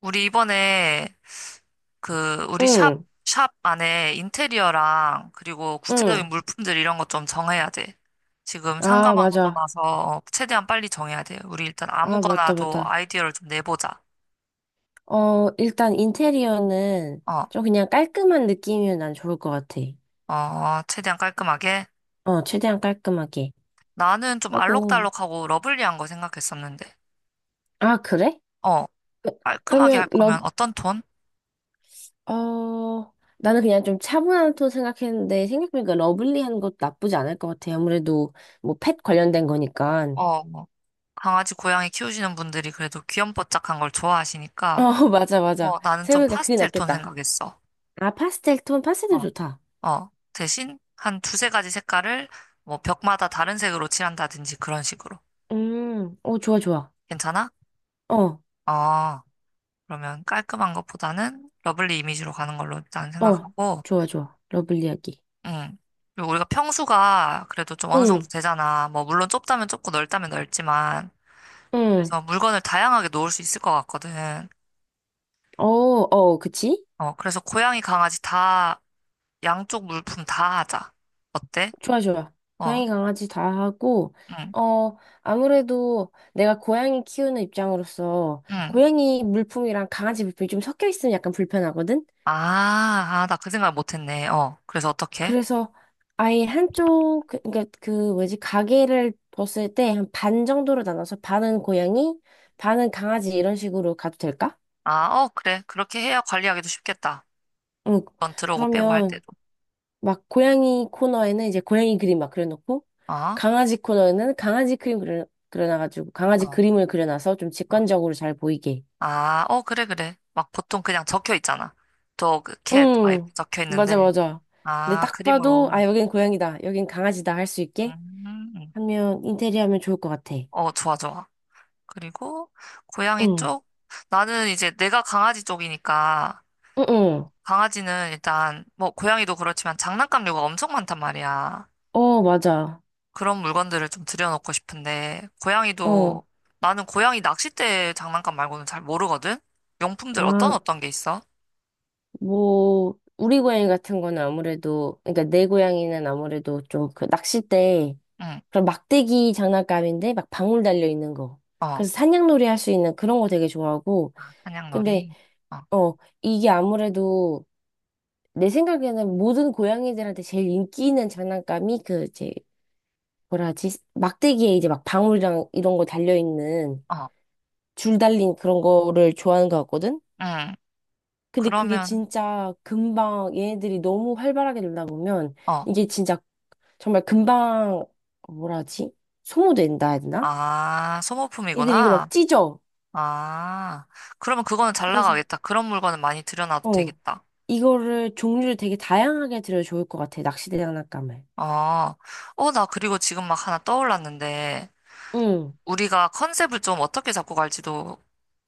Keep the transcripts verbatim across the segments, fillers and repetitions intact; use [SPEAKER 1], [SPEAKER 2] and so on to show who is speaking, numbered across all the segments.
[SPEAKER 1] 우리 이번에 그 우리 샵,
[SPEAKER 2] 응,
[SPEAKER 1] 샵 안에 인테리어랑 그리고
[SPEAKER 2] 응.
[SPEAKER 1] 구체적인 물품들 이런 것 좀 정해야 돼. 지금
[SPEAKER 2] 아,
[SPEAKER 1] 상가만
[SPEAKER 2] 맞아.
[SPEAKER 1] 얻어놔서 최대한 빨리 정해야 돼. 우리 일단
[SPEAKER 2] 아, 맞다,
[SPEAKER 1] 아무거나도
[SPEAKER 2] 맞다.
[SPEAKER 1] 아이디어를 좀 내보자.
[SPEAKER 2] 어, 일단 인테리어는
[SPEAKER 1] 어,
[SPEAKER 2] 좀 그냥 깔끔한 느낌이면 난 좋을 것 같아.
[SPEAKER 1] 어, 최대한 깔끔하게.
[SPEAKER 2] 어, 최대한 깔끔하게.
[SPEAKER 1] 나는 좀
[SPEAKER 2] 아이고.
[SPEAKER 1] 알록달록하고 러블리한 거 생각했었는데.
[SPEAKER 2] 아, 그래?
[SPEAKER 1] 어,
[SPEAKER 2] 그-
[SPEAKER 1] 깔끔하게
[SPEAKER 2] 그러면,
[SPEAKER 1] 할
[SPEAKER 2] 러,
[SPEAKER 1] 거면 어떤 톤?
[SPEAKER 2] 어, 나는 그냥 좀 차분한 톤 생각했는데, 생각해보니까 러블리한 것도 나쁘지 않을 것 같아. 아무래도, 뭐, 펫 관련된 거니까.
[SPEAKER 1] 어, 뭐 강아지, 고양이 키우시는 분들이 그래도 귀염뽀짝한 걸
[SPEAKER 2] 어,
[SPEAKER 1] 좋아하시니까.
[SPEAKER 2] 맞아, 맞아.
[SPEAKER 1] 어, 나는 좀
[SPEAKER 2] 생각해보니까 그게
[SPEAKER 1] 파스텔 톤
[SPEAKER 2] 낫겠다.
[SPEAKER 1] 생각했어.
[SPEAKER 2] 아, 파스텔 톤, 파스텔
[SPEAKER 1] 어,
[SPEAKER 2] 좋다.
[SPEAKER 1] 어, 대신 한 두세 가지 색깔을 뭐 벽마다 다른 색으로 칠한다든지 그런 식으로.
[SPEAKER 2] 음, 어, 좋아, 좋아.
[SPEAKER 1] 괜찮아?
[SPEAKER 2] 어.
[SPEAKER 1] 어, 그러면 깔끔한 것보다는 러블리 이미지로 가는 걸로 일단
[SPEAKER 2] 어,
[SPEAKER 1] 생각하고,
[SPEAKER 2] 좋아, 좋아. 러블리 이야기.
[SPEAKER 1] 음. 그리고 우리가 평수가 그래도 좀 어느 정도
[SPEAKER 2] 응,
[SPEAKER 1] 되잖아. 뭐, 물론 좁다면 좁고 넓다면 넓지만,
[SPEAKER 2] 응.
[SPEAKER 1] 그래서 물건을 다양하게 놓을 수 있을 것 같거든.
[SPEAKER 2] 어, 어, 그치?
[SPEAKER 1] 어, 그래서 고양이, 강아지 다, 양쪽 물품 다 하자. 어때?
[SPEAKER 2] 좋아, 좋아.
[SPEAKER 1] 어,
[SPEAKER 2] 고양이, 강아지 다 하고,
[SPEAKER 1] 응,
[SPEAKER 2] 어, 아무래도 내가 고양이 키우는 입장으로서
[SPEAKER 1] 응.
[SPEAKER 2] 고양이 물품이랑 강아지 물품이 좀 섞여 있으면 약간 불편하거든?
[SPEAKER 1] 아, 아, 나 그 생각 못 했네. 어, 그래서 어떻게?
[SPEAKER 2] 그래서 아예 한쪽, 그- 그니까 그 뭐지, 가게를 벗을 때 한 반 정도로 나눠서 반은 고양이, 반은 강아지 이런 식으로 가도 될까?
[SPEAKER 1] 아, 어, 그래. 그렇게 해야 관리하기도 쉽겠다.
[SPEAKER 2] 응.
[SPEAKER 1] 넌 들어오고 빼고 할
[SPEAKER 2] 그러면
[SPEAKER 1] 때도.
[SPEAKER 2] 막 고양이 코너에는 이제 고양이 그림 막 그려놓고
[SPEAKER 1] 어?
[SPEAKER 2] 강아지 코너에는 강아지 그림 그려, 그려놔가지고
[SPEAKER 1] 어,
[SPEAKER 2] 강아지
[SPEAKER 1] 어.
[SPEAKER 2] 그림을 그려놔서 좀 직관적으로 잘 보이게.
[SPEAKER 1] 아, 어, 그래, 그래. 막 보통 그냥 적혀 있잖아. Dog, cat, 막 이렇게
[SPEAKER 2] 응,
[SPEAKER 1] 적혀
[SPEAKER 2] 맞아,
[SPEAKER 1] 있는데.
[SPEAKER 2] 맞아. 근데
[SPEAKER 1] 아,
[SPEAKER 2] 딱 봐도
[SPEAKER 1] 그림으로.
[SPEAKER 2] 아, 여긴 고양이다. 여긴 강아지다 할 수 있게
[SPEAKER 1] 음,
[SPEAKER 2] 하면 인테리어 하면 좋을 것 같아.
[SPEAKER 1] 어, 좋아, 좋아. 그리고 고양이
[SPEAKER 2] 응,
[SPEAKER 1] 쪽? 나는 이제 내가 강아지 쪽이니까
[SPEAKER 2] 응, 응.
[SPEAKER 1] 강아지는 일단 뭐 고양이도 그렇지만 장난감류가 엄청 많단 말이야.
[SPEAKER 2] 어, 맞아.
[SPEAKER 1] 그런 물건들을 좀 들여놓고 싶은데, 고양이도,
[SPEAKER 2] 어,
[SPEAKER 1] 나는 고양이 낚싯대 장난감 말고는 잘 모르거든? 용품들 어떤
[SPEAKER 2] 아,
[SPEAKER 1] 어떤 게 있어?
[SPEAKER 2] 뭐, 우리 고양이 같은 거는 아무래도, 그러니까 내 고양이는 아무래도 좀 그 낚싯대
[SPEAKER 1] 응,
[SPEAKER 2] 그런 막대기 장난감인데 막 방울 달려 있는 거.
[SPEAKER 1] 어, 아,
[SPEAKER 2] 그래서 산양놀이 할 수 있는 그런 거 되게 좋아하고. 근데
[SPEAKER 1] 사냥놀이? 어,
[SPEAKER 2] 어 이게 아무래도 내 생각에는 모든 고양이들한테 제일 인기 있는 장난감이 그 이제 뭐라 하지? 막대기에 이제 막 방울이랑 이런 거 달려 있는
[SPEAKER 1] 어,
[SPEAKER 2] 줄 달린 그런 거를 좋아하는 것 같거든.
[SPEAKER 1] 응,
[SPEAKER 2] 근데 그게
[SPEAKER 1] 그러면,
[SPEAKER 2] 진짜 금방 얘네들이 너무 활발하게 놀다 보면
[SPEAKER 1] 어,
[SPEAKER 2] 이게 진짜 정말 금방 어, 뭐라 하지? 소모된다 해야 되나?
[SPEAKER 1] 아,
[SPEAKER 2] 애들이 이거 막
[SPEAKER 1] 소모품이구나.
[SPEAKER 2] 찢어.
[SPEAKER 1] 아, 그러면 그거는 잘
[SPEAKER 2] 그래서
[SPEAKER 1] 나가겠다. 그런 물건은 많이 들여놔도
[SPEAKER 2] 어,
[SPEAKER 1] 되겠다.
[SPEAKER 2] 이거를 종류를 되게 다양하게 들여 좋을 것 같아. 낚시대 장난감을.
[SPEAKER 1] 어, 어, 나 그리고 지금 막 하나 떠올랐는데,
[SPEAKER 2] 응,
[SPEAKER 1] 우리가 컨셉을 좀 어떻게 잡고 갈지도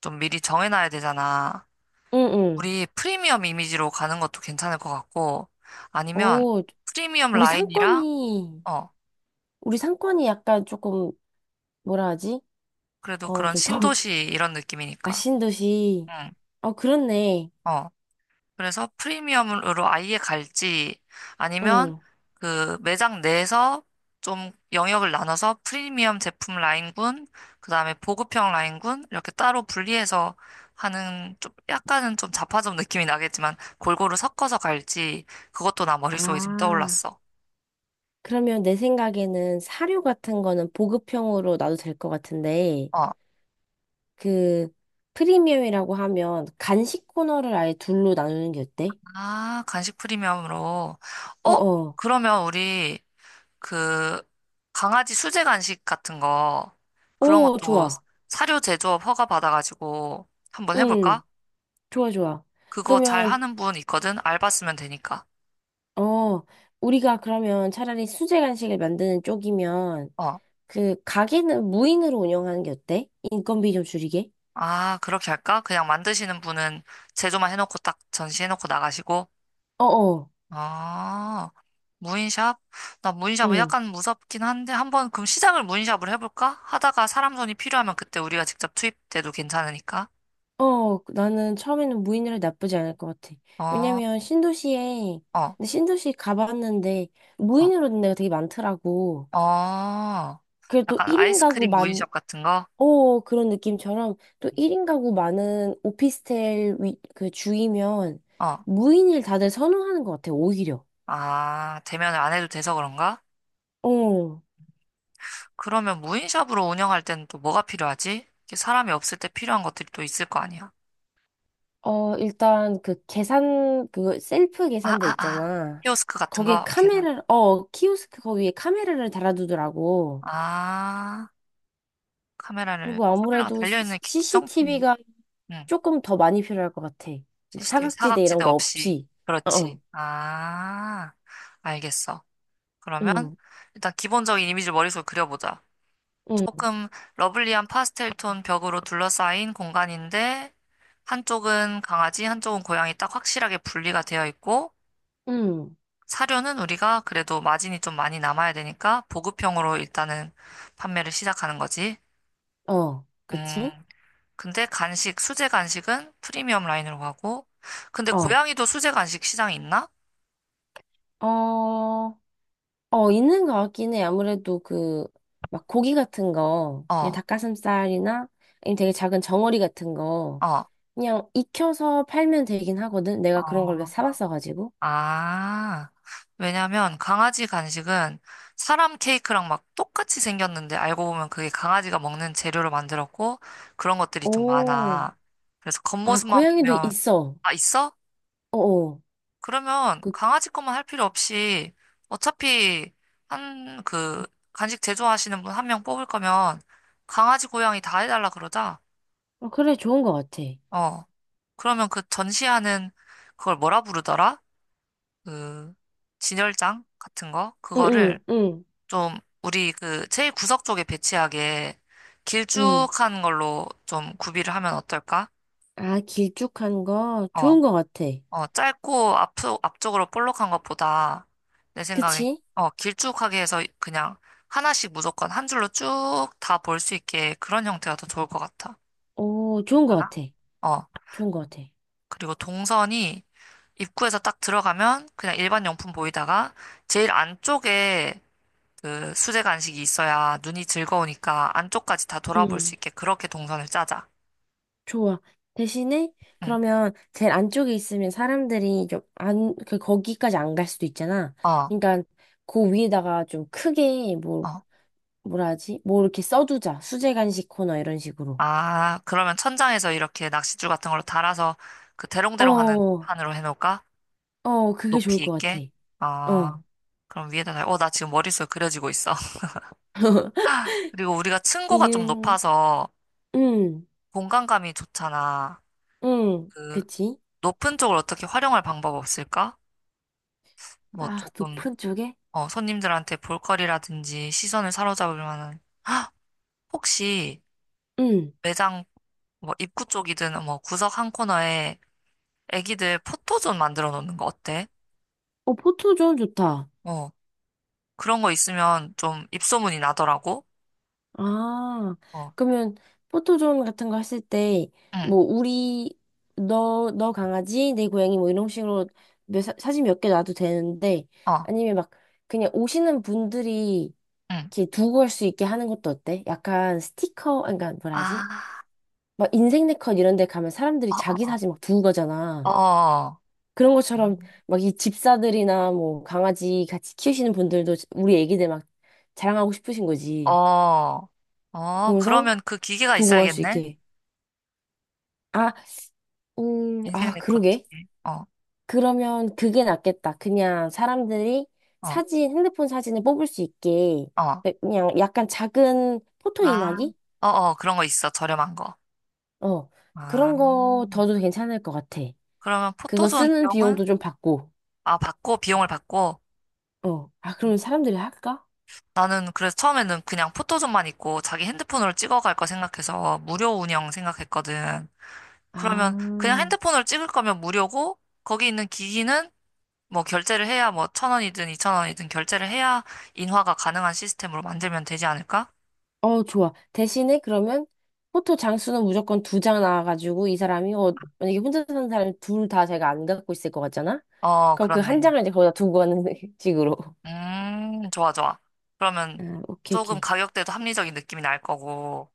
[SPEAKER 1] 좀 미리 정해놔야 되잖아.
[SPEAKER 2] 응, 응.
[SPEAKER 1] 우리 프리미엄 이미지로 가는 것도 괜찮을 것 같고, 아니면
[SPEAKER 2] 오,
[SPEAKER 1] 프리미엄
[SPEAKER 2] 우리
[SPEAKER 1] 라인이랑,
[SPEAKER 2] 상권이,
[SPEAKER 1] 어,
[SPEAKER 2] 우리 상권이 약간 조금, 뭐라 하지?
[SPEAKER 1] 그래도
[SPEAKER 2] 어,
[SPEAKER 1] 그런
[SPEAKER 2] 좀 더,
[SPEAKER 1] 신도시 이런 느낌이니까.
[SPEAKER 2] 아신 듯이.
[SPEAKER 1] 응,
[SPEAKER 2] 어, 그렇네.
[SPEAKER 1] 어. 그래서 프리미엄으로 아예 갈지, 아니면
[SPEAKER 2] 응.
[SPEAKER 1] 그 매장 내에서 좀 영역을 나눠서 프리미엄 제품 라인군, 그 다음에 보급형 라인군, 이렇게 따로 분리해서 하는 좀 약간은 좀 자파점 느낌이 나겠지만 골고루 섞어서 갈지, 그것도 나 머릿속에 지금
[SPEAKER 2] 아,
[SPEAKER 1] 떠올랐어.
[SPEAKER 2] 그러면 내 생각에는 사료 같은 거는 보급형으로 놔도 될 것 같은데,
[SPEAKER 1] 어.
[SPEAKER 2] 그, 프리미엄이라고 하면 간식 코너를 아예 둘로 나누는 게 어때?
[SPEAKER 1] 아, 간식 프리미엄으로. 어?
[SPEAKER 2] 어어.
[SPEAKER 1] 그러면 우리 그 강아지 수제 간식 같은 거 그런
[SPEAKER 2] 오,
[SPEAKER 1] 것도
[SPEAKER 2] 좋아.
[SPEAKER 1] 사료 제조업 허가 받아가지고 한번
[SPEAKER 2] 응.
[SPEAKER 1] 해볼까?
[SPEAKER 2] 좋아, 좋아.
[SPEAKER 1] 그거 잘
[SPEAKER 2] 그러면,
[SPEAKER 1] 하는 분 있거든? 알바 쓰면 되니까.
[SPEAKER 2] 어, 우리가 그러면 차라리 수제 간식을 만드는 쪽이면,
[SPEAKER 1] 어.
[SPEAKER 2] 그, 가게는 무인으로 운영하는 게 어때? 인건비 좀 줄이게?
[SPEAKER 1] 아, 그렇게 할까? 그냥 만드시는 분은 제조만 해놓고 딱 전시해놓고 나가시고.
[SPEAKER 2] 어 어,
[SPEAKER 1] 아, 무인샵? 나 무인샵은
[SPEAKER 2] 응.
[SPEAKER 1] 약간 무섭긴 한데 한번 그럼 시작을 무인샵으로 해볼까? 하다가 사람 손이 필요하면 그때 우리가 직접 투입돼도 괜찮으니까.
[SPEAKER 2] 어, 나는 처음에는 무인으로 나쁘지 않을 것 같아.
[SPEAKER 1] 어
[SPEAKER 2] 왜냐면, 신도시에,
[SPEAKER 1] 어,
[SPEAKER 2] 근데 신도시 가봤는데,
[SPEAKER 1] 어,
[SPEAKER 2] 무인으로 된 데가 되게 많더라고.
[SPEAKER 1] 어.
[SPEAKER 2] 그래도
[SPEAKER 1] 약간
[SPEAKER 2] 일 인 가구
[SPEAKER 1] 아이스크림 무인샵 같은 거?
[SPEAKER 2] 어, 그런 느낌처럼 또 일 인 가구 많은 오피스텔 위, 그 주이면
[SPEAKER 1] 어.
[SPEAKER 2] 무인을 다들 선호하는 것 같아, 오히려.
[SPEAKER 1] 아, 대면을 안 해도 돼서 그런가?
[SPEAKER 2] 어,
[SPEAKER 1] 그러면 무인샵으로 운영할 때는 또 뭐가 필요하지? 이게 사람이 없을 때 필요한 것들이 또 있을 거 아니야?
[SPEAKER 2] 어, 일단 그 계산, 그 셀프
[SPEAKER 1] 아,
[SPEAKER 2] 계산대
[SPEAKER 1] 아, 아.
[SPEAKER 2] 있잖아.
[SPEAKER 1] 키오스크 같은
[SPEAKER 2] 거기에
[SPEAKER 1] 거? 계단.
[SPEAKER 2] 카메라, 어, 키오스크 거기에 카메라를 달아두더라고.
[SPEAKER 1] 아, 카메라를,
[SPEAKER 2] 그리고
[SPEAKER 1] 카메라가
[SPEAKER 2] 아무래도
[SPEAKER 1] 달려있는 기- 기성품.
[SPEAKER 2] 씨씨티비가
[SPEAKER 1] 응.
[SPEAKER 2] 조금 더 많이 필요할 것 같아. 막
[SPEAKER 1] 씨씨티비
[SPEAKER 2] 사각지대 이런
[SPEAKER 1] 사각지대
[SPEAKER 2] 거
[SPEAKER 1] 없이.
[SPEAKER 2] 없이. 어,
[SPEAKER 1] 그렇지.
[SPEAKER 2] 어.
[SPEAKER 1] 아, 알겠어. 그러면
[SPEAKER 2] 응,
[SPEAKER 1] 일단 기본적인 이미지를 머릿속에 그려보자.
[SPEAKER 2] 응,
[SPEAKER 1] 조금 러블리한 파스텔 톤 벽으로 둘러싸인 공간인데 한쪽은 강아지, 한쪽은 고양이 딱 확실하게 분리가 되어 있고
[SPEAKER 2] 응.
[SPEAKER 1] 사료는 우리가 그래도 마진이 좀 많이 남아야 되니까 보급형으로 일단은 판매를 시작하는 거지.
[SPEAKER 2] 어, 그치?
[SPEAKER 1] 음, 근데 간식, 수제 간식은 프리미엄 라인으로 가고 근데
[SPEAKER 2] 어,
[SPEAKER 1] 고양이도 수제 간식 시장이 있나?
[SPEAKER 2] 어. 어, 있는 것 같긴 해. 아무래도 그, 막 고기 같은 거, 그냥
[SPEAKER 1] 어,
[SPEAKER 2] 닭가슴살이나 아니면 되게 작은 정어리 같은 거,
[SPEAKER 1] 어.
[SPEAKER 2] 그냥 익혀서 팔면 되긴 하거든.
[SPEAKER 1] 어.
[SPEAKER 2] 내가 그런 걸 사봤어가지고.
[SPEAKER 1] 아, 왜냐면 강아지 간식은 사람 케이크랑 막 똑같이 생겼는데 알고 보면 그게 강아지가 먹는 재료로 만들었고 그런 것들이 좀
[SPEAKER 2] 오,
[SPEAKER 1] 많아. 그래서
[SPEAKER 2] 아,
[SPEAKER 1] 겉모습만
[SPEAKER 2] 고양이도
[SPEAKER 1] 보면,
[SPEAKER 2] 있어.
[SPEAKER 1] 아, 있어?
[SPEAKER 2] 어어.
[SPEAKER 1] 그러면
[SPEAKER 2] 그,
[SPEAKER 1] 강아지 것만 할 필요 없이 어차피 한 그 간식 제조하시는 분 한 명 뽑을 거면 강아지 고양이 다 해달라 그러자.
[SPEAKER 2] 어, 그래, 좋은 것 같아.
[SPEAKER 1] 어. 그러면 그 전시하는 그걸 뭐라 부르더라? 그 진열장 같은 거?
[SPEAKER 2] 응,
[SPEAKER 1] 그거를
[SPEAKER 2] 응, 응,
[SPEAKER 1] 좀 우리 그 제일 구석 쪽에 배치하게
[SPEAKER 2] 응.
[SPEAKER 1] 길쭉한 걸로 좀 구비를 하면 어떨까?
[SPEAKER 2] 아, 길쭉한 거,
[SPEAKER 1] 어,
[SPEAKER 2] 좋은 것 같아.
[SPEAKER 1] 어, 짧고 앞, 앞쪽으로 볼록한 것보다 내 생각에
[SPEAKER 2] 그치?
[SPEAKER 1] 어, 길쭉하게 해서 그냥 하나씩 무조건 한 줄로 쭉 다 볼 수 있게 그런 형태가 더 좋을 것 같아.
[SPEAKER 2] 오, 좋은 것
[SPEAKER 1] 괜찮아?
[SPEAKER 2] 같아.
[SPEAKER 1] 어,
[SPEAKER 2] 좋은 것 같아.
[SPEAKER 1] 그리고 동선이 입구에서 딱 들어가면 그냥 일반 용품 보이다가 제일 안쪽에 그 수제 간식이 있어야 눈이 즐거우니까 안쪽까지 다 돌아볼
[SPEAKER 2] 응.
[SPEAKER 1] 수 있게 그렇게 동선을 짜자.
[SPEAKER 2] 좋아. 대신에
[SPEAKER 1] 응.
[SPEAKER 2] 그러면 제일 안쪽에 있으면 사람들이 좀 안, 그 거기까지 안 갈 수도 있잖아.
[SPEAKER 1] 어,
[SPEAKER 2] 그러니까 그 위에다가 좀 크게 뭐
[SPEAKER 1] 어.
[SPEAKER 2] 뭐라 하지? 뭐 이렇게 써두자. 수제 간식 코너 이런 식으로.
[SPEAKER 1] 아, 그러면 천장에서 이렇게 낚싯줄 같은 걸로 달아서 그 대롱대롱 하는
[SPEAKER 2] 어,
[SPEAKER 1] 판으로 해놓을까?
[SPEAKER 2] 어, 그게 좋을
[SPEAKER 1] 높이
[SPEAKER 2] 것 같아.
[SPEAKER 1] 있게? 아,
[SPEAKER 2] 어,
[SPEAKER 1] 그럼 위에다 달, 어, 나 지금 머릿속에 그려지고 있어. 그리고 우리가 층고가 좀
[SPEAKER 2] 이은,
[SPEAKER 1] 높아서
[SPEAKER 2] 음,
[SPEAKER 1] 공간감이 좋잖아.
[SPEAKER 2] 음,
[SPEAKER 1] 그
[SPEAKER 2] 그치?
[SPEAKER 1] 높은 쪽을 어떻게 활용할 방법 없을까? 뭐
[SPEAKER 2] 아,
[SPEAKER 1] 조금,
[SPEAKER 2] 높은 쪽에?
[SPEAKER 1] 어, 손님들한테 볼거리라든지 시선을 사로잡을 만한 혹시
[SPEAKER 2] 음,
[SPEAKER 1] 매장 뭐 입구 쪽이든 뭐 구석 한 코너에 애기들 포토존 만들어 놓는 거 어때?
[SPEAKER 2] 어, 포토존 좋다.
[SPEAKER 1] 어, 그런 거 있으면 좀 입소문이 나더라고.
[SPEAKER 2] 아,
[SPEAKER 1] 어,
[SPEAKER 2] 그러면 포토존 같은 거 했을 때,
[SPEAKER 1] 응,
[SPEAKER 2] 뭐, 우리, 너, 너 강아지, 내 고양이, 뭐, 이런 식으로 몇, 사- 사진 몇 개 놔도 되는데,
[SPEAKER 1] 어,
[SPEAKER 2] 아니면 막, 그냥 오시는 분들이
[SPEAKER 1] 응.
[SPEAKER 2] 이렇게 두고 갈 수 있게 하는 것도 어때? 약간 스티커, 그러니까 뭐라 하지?
[SPEAKER 1] 아,
[SPEAKER 2] 막 인생네컷 이런 데 가면 사람들이 자기 사진 막 두고
[SPEAKER 1] 어, 어,
[SPEAKER 2] 가잖아.
[SPEAKER 1] 어,
[SPEAKER 2] 그런 것처럼 막 이 집사들이나 뭐 강아지 같이 키우시는 분들도 우리 애기들 막 자랑하고 싶으신
[SPEAKER 1] 어,
[SPEAKER 2] 거지.
[SPEAKER 1] 어, 어,
[SPEAKER 2] 그러면서
[SPEAKER 1] 그러면 그 기계가
[SPEAKER 2] 두고 갈 수
[SPEAKER 1] 있어야겠네?
[SPEAKER 2] 있게. 아, 음,
[SPEAKER 1] 인생
[SPEAKER 2] 아,
[SPEAKER 1] 네컷
[SPEAKER 2] 그러게.
[SPEAKER 1] 기계. 어,
[SPEAKER 2] 그러면 그게 낫겠다. 그냥 사람들이
[SPEAKER 1] 어,
[SPEAKER 2] 사진, 핸드폰 사진을 뽑을 수 있게
[SPEAKER 1] 어.
[SPEAKER 2] 그 그냥 약간 작은 포토
[SPEAKER 1] 아,
[SPEAKER 2] 인화기?
[SPEAKER 1] 어, 어, 그런 거 있어. 저렴한 거.
[SPEAKER 2] 어,
[SPEAKER 1] 아,
[SPEAKER 2] 그런 거 더도 괜찮을 것 같아.
[SPEAKER 1] 그러면
[SPEAKER 2] 그거
[SPEAKER 1] 포토존
[SPEAKER 2] 쓰는
[SPEAKER 1] 비용은?
[SPEAKER 2] 비용도 좀 받고.
[SPEAKER 1] 아, 받고, 비용을 받고.
[SPEAKER 2] 어, 아, 그러면 사람들이 할까?
[SPEAKER 1] 나는 그래서 처음에는 그냥 포토존만 있고 자기 핸드폰으로 찍어갈 거 생각해서 무료 운영 생각했거든.
[SPEAKER 2] 아,
[SPEAKER 1] 그러면 그냥 핸드폰으로 찍을 거면 무료고 거기 있는 기기는 뭐 결제를 해야 뭐 천 원이든 이천 원이든 결제를 해야 인화가 가능한 시스템으로 만들면 되지 않을까?
[SPEAKER 2] 어, 좋아. 대신에 그러면 포토 장수는 무조건 두 장 나와가지고 이 사람이, 어, 만약에 혼자 사는 사람이 둘 다 제가 안 갖고 있을 것 같잖아?
[SPEAKER 1] 어,
[SPEAKER 2] 그럼 그 한
[SPEAKER 1] 그렇네.
[SPEAKER 2] 장을 이제 거기다 두고 가는 식으로.
[SPEAKER 1] 음, 좋아, 좋아. 그러면
[SPEAKER 2] 아, 오케이,
[SPEAKER 1] 조금
[SPEAKER 2] 오케이.
[SPEAKER 1] 가격대도 합리적인 느낌이 날 거고,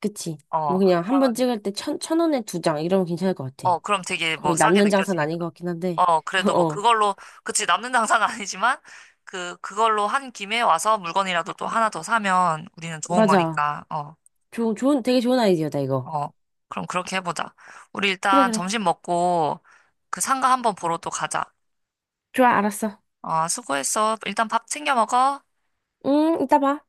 [SPEAKER 2] 그치.
[SPEAKER 1] 어,
[SPEAKER 2] 뭐 그냥 한 번
[SPEAKER 1] 한장은
[SPEAKER 2] 찍을 때 천, 천 원에 두 장, 이러면 괜찮을 것 같아.
[SPEAKER 1] 어, 그럼 되게 뭐
[SPEAKER 2] 거의
[SPEAKER 1] 싸게
[SPEAKER 2] 남는 장사는 아닌
[SPEAKER 1] 느껴지니까.
[SPEAKER 2] 것 같긴 한데.
[SPEAKER 1] 어, 그래도 뭐
[SPEAKER 2] 어,
[SPEAKER 1] 그걸로, 그치, 남는 당사는 아니지만, 그, 그걸로 한 김에 와서 물건이라도 또 하나 더 사면 우리는 좋은
[SPEAKER 2] 맞아.
[SPEAKER 1] 거니까, 어,
[SPEAKER 2] 좋은, 좋은, 되게 좋은 아이디어다, 이거.
[SPEAKER 1] 어. 그럼 그렇게 해보자. 우리
[SPEAKER 2] 그래,
[SPEAKER 1] 일단
[SPEAKER 2] 그래.
[SPEAKER 1] 점심 먹고 그 상가 한번 보러 또 가자.
[SPEAKER 2] 좋아, 알았어.
[SPEAKER 1] 어, 수고했어. 일단 밥 챙겨 먹어.
[SPEAKER 2] 응, 이따 봐.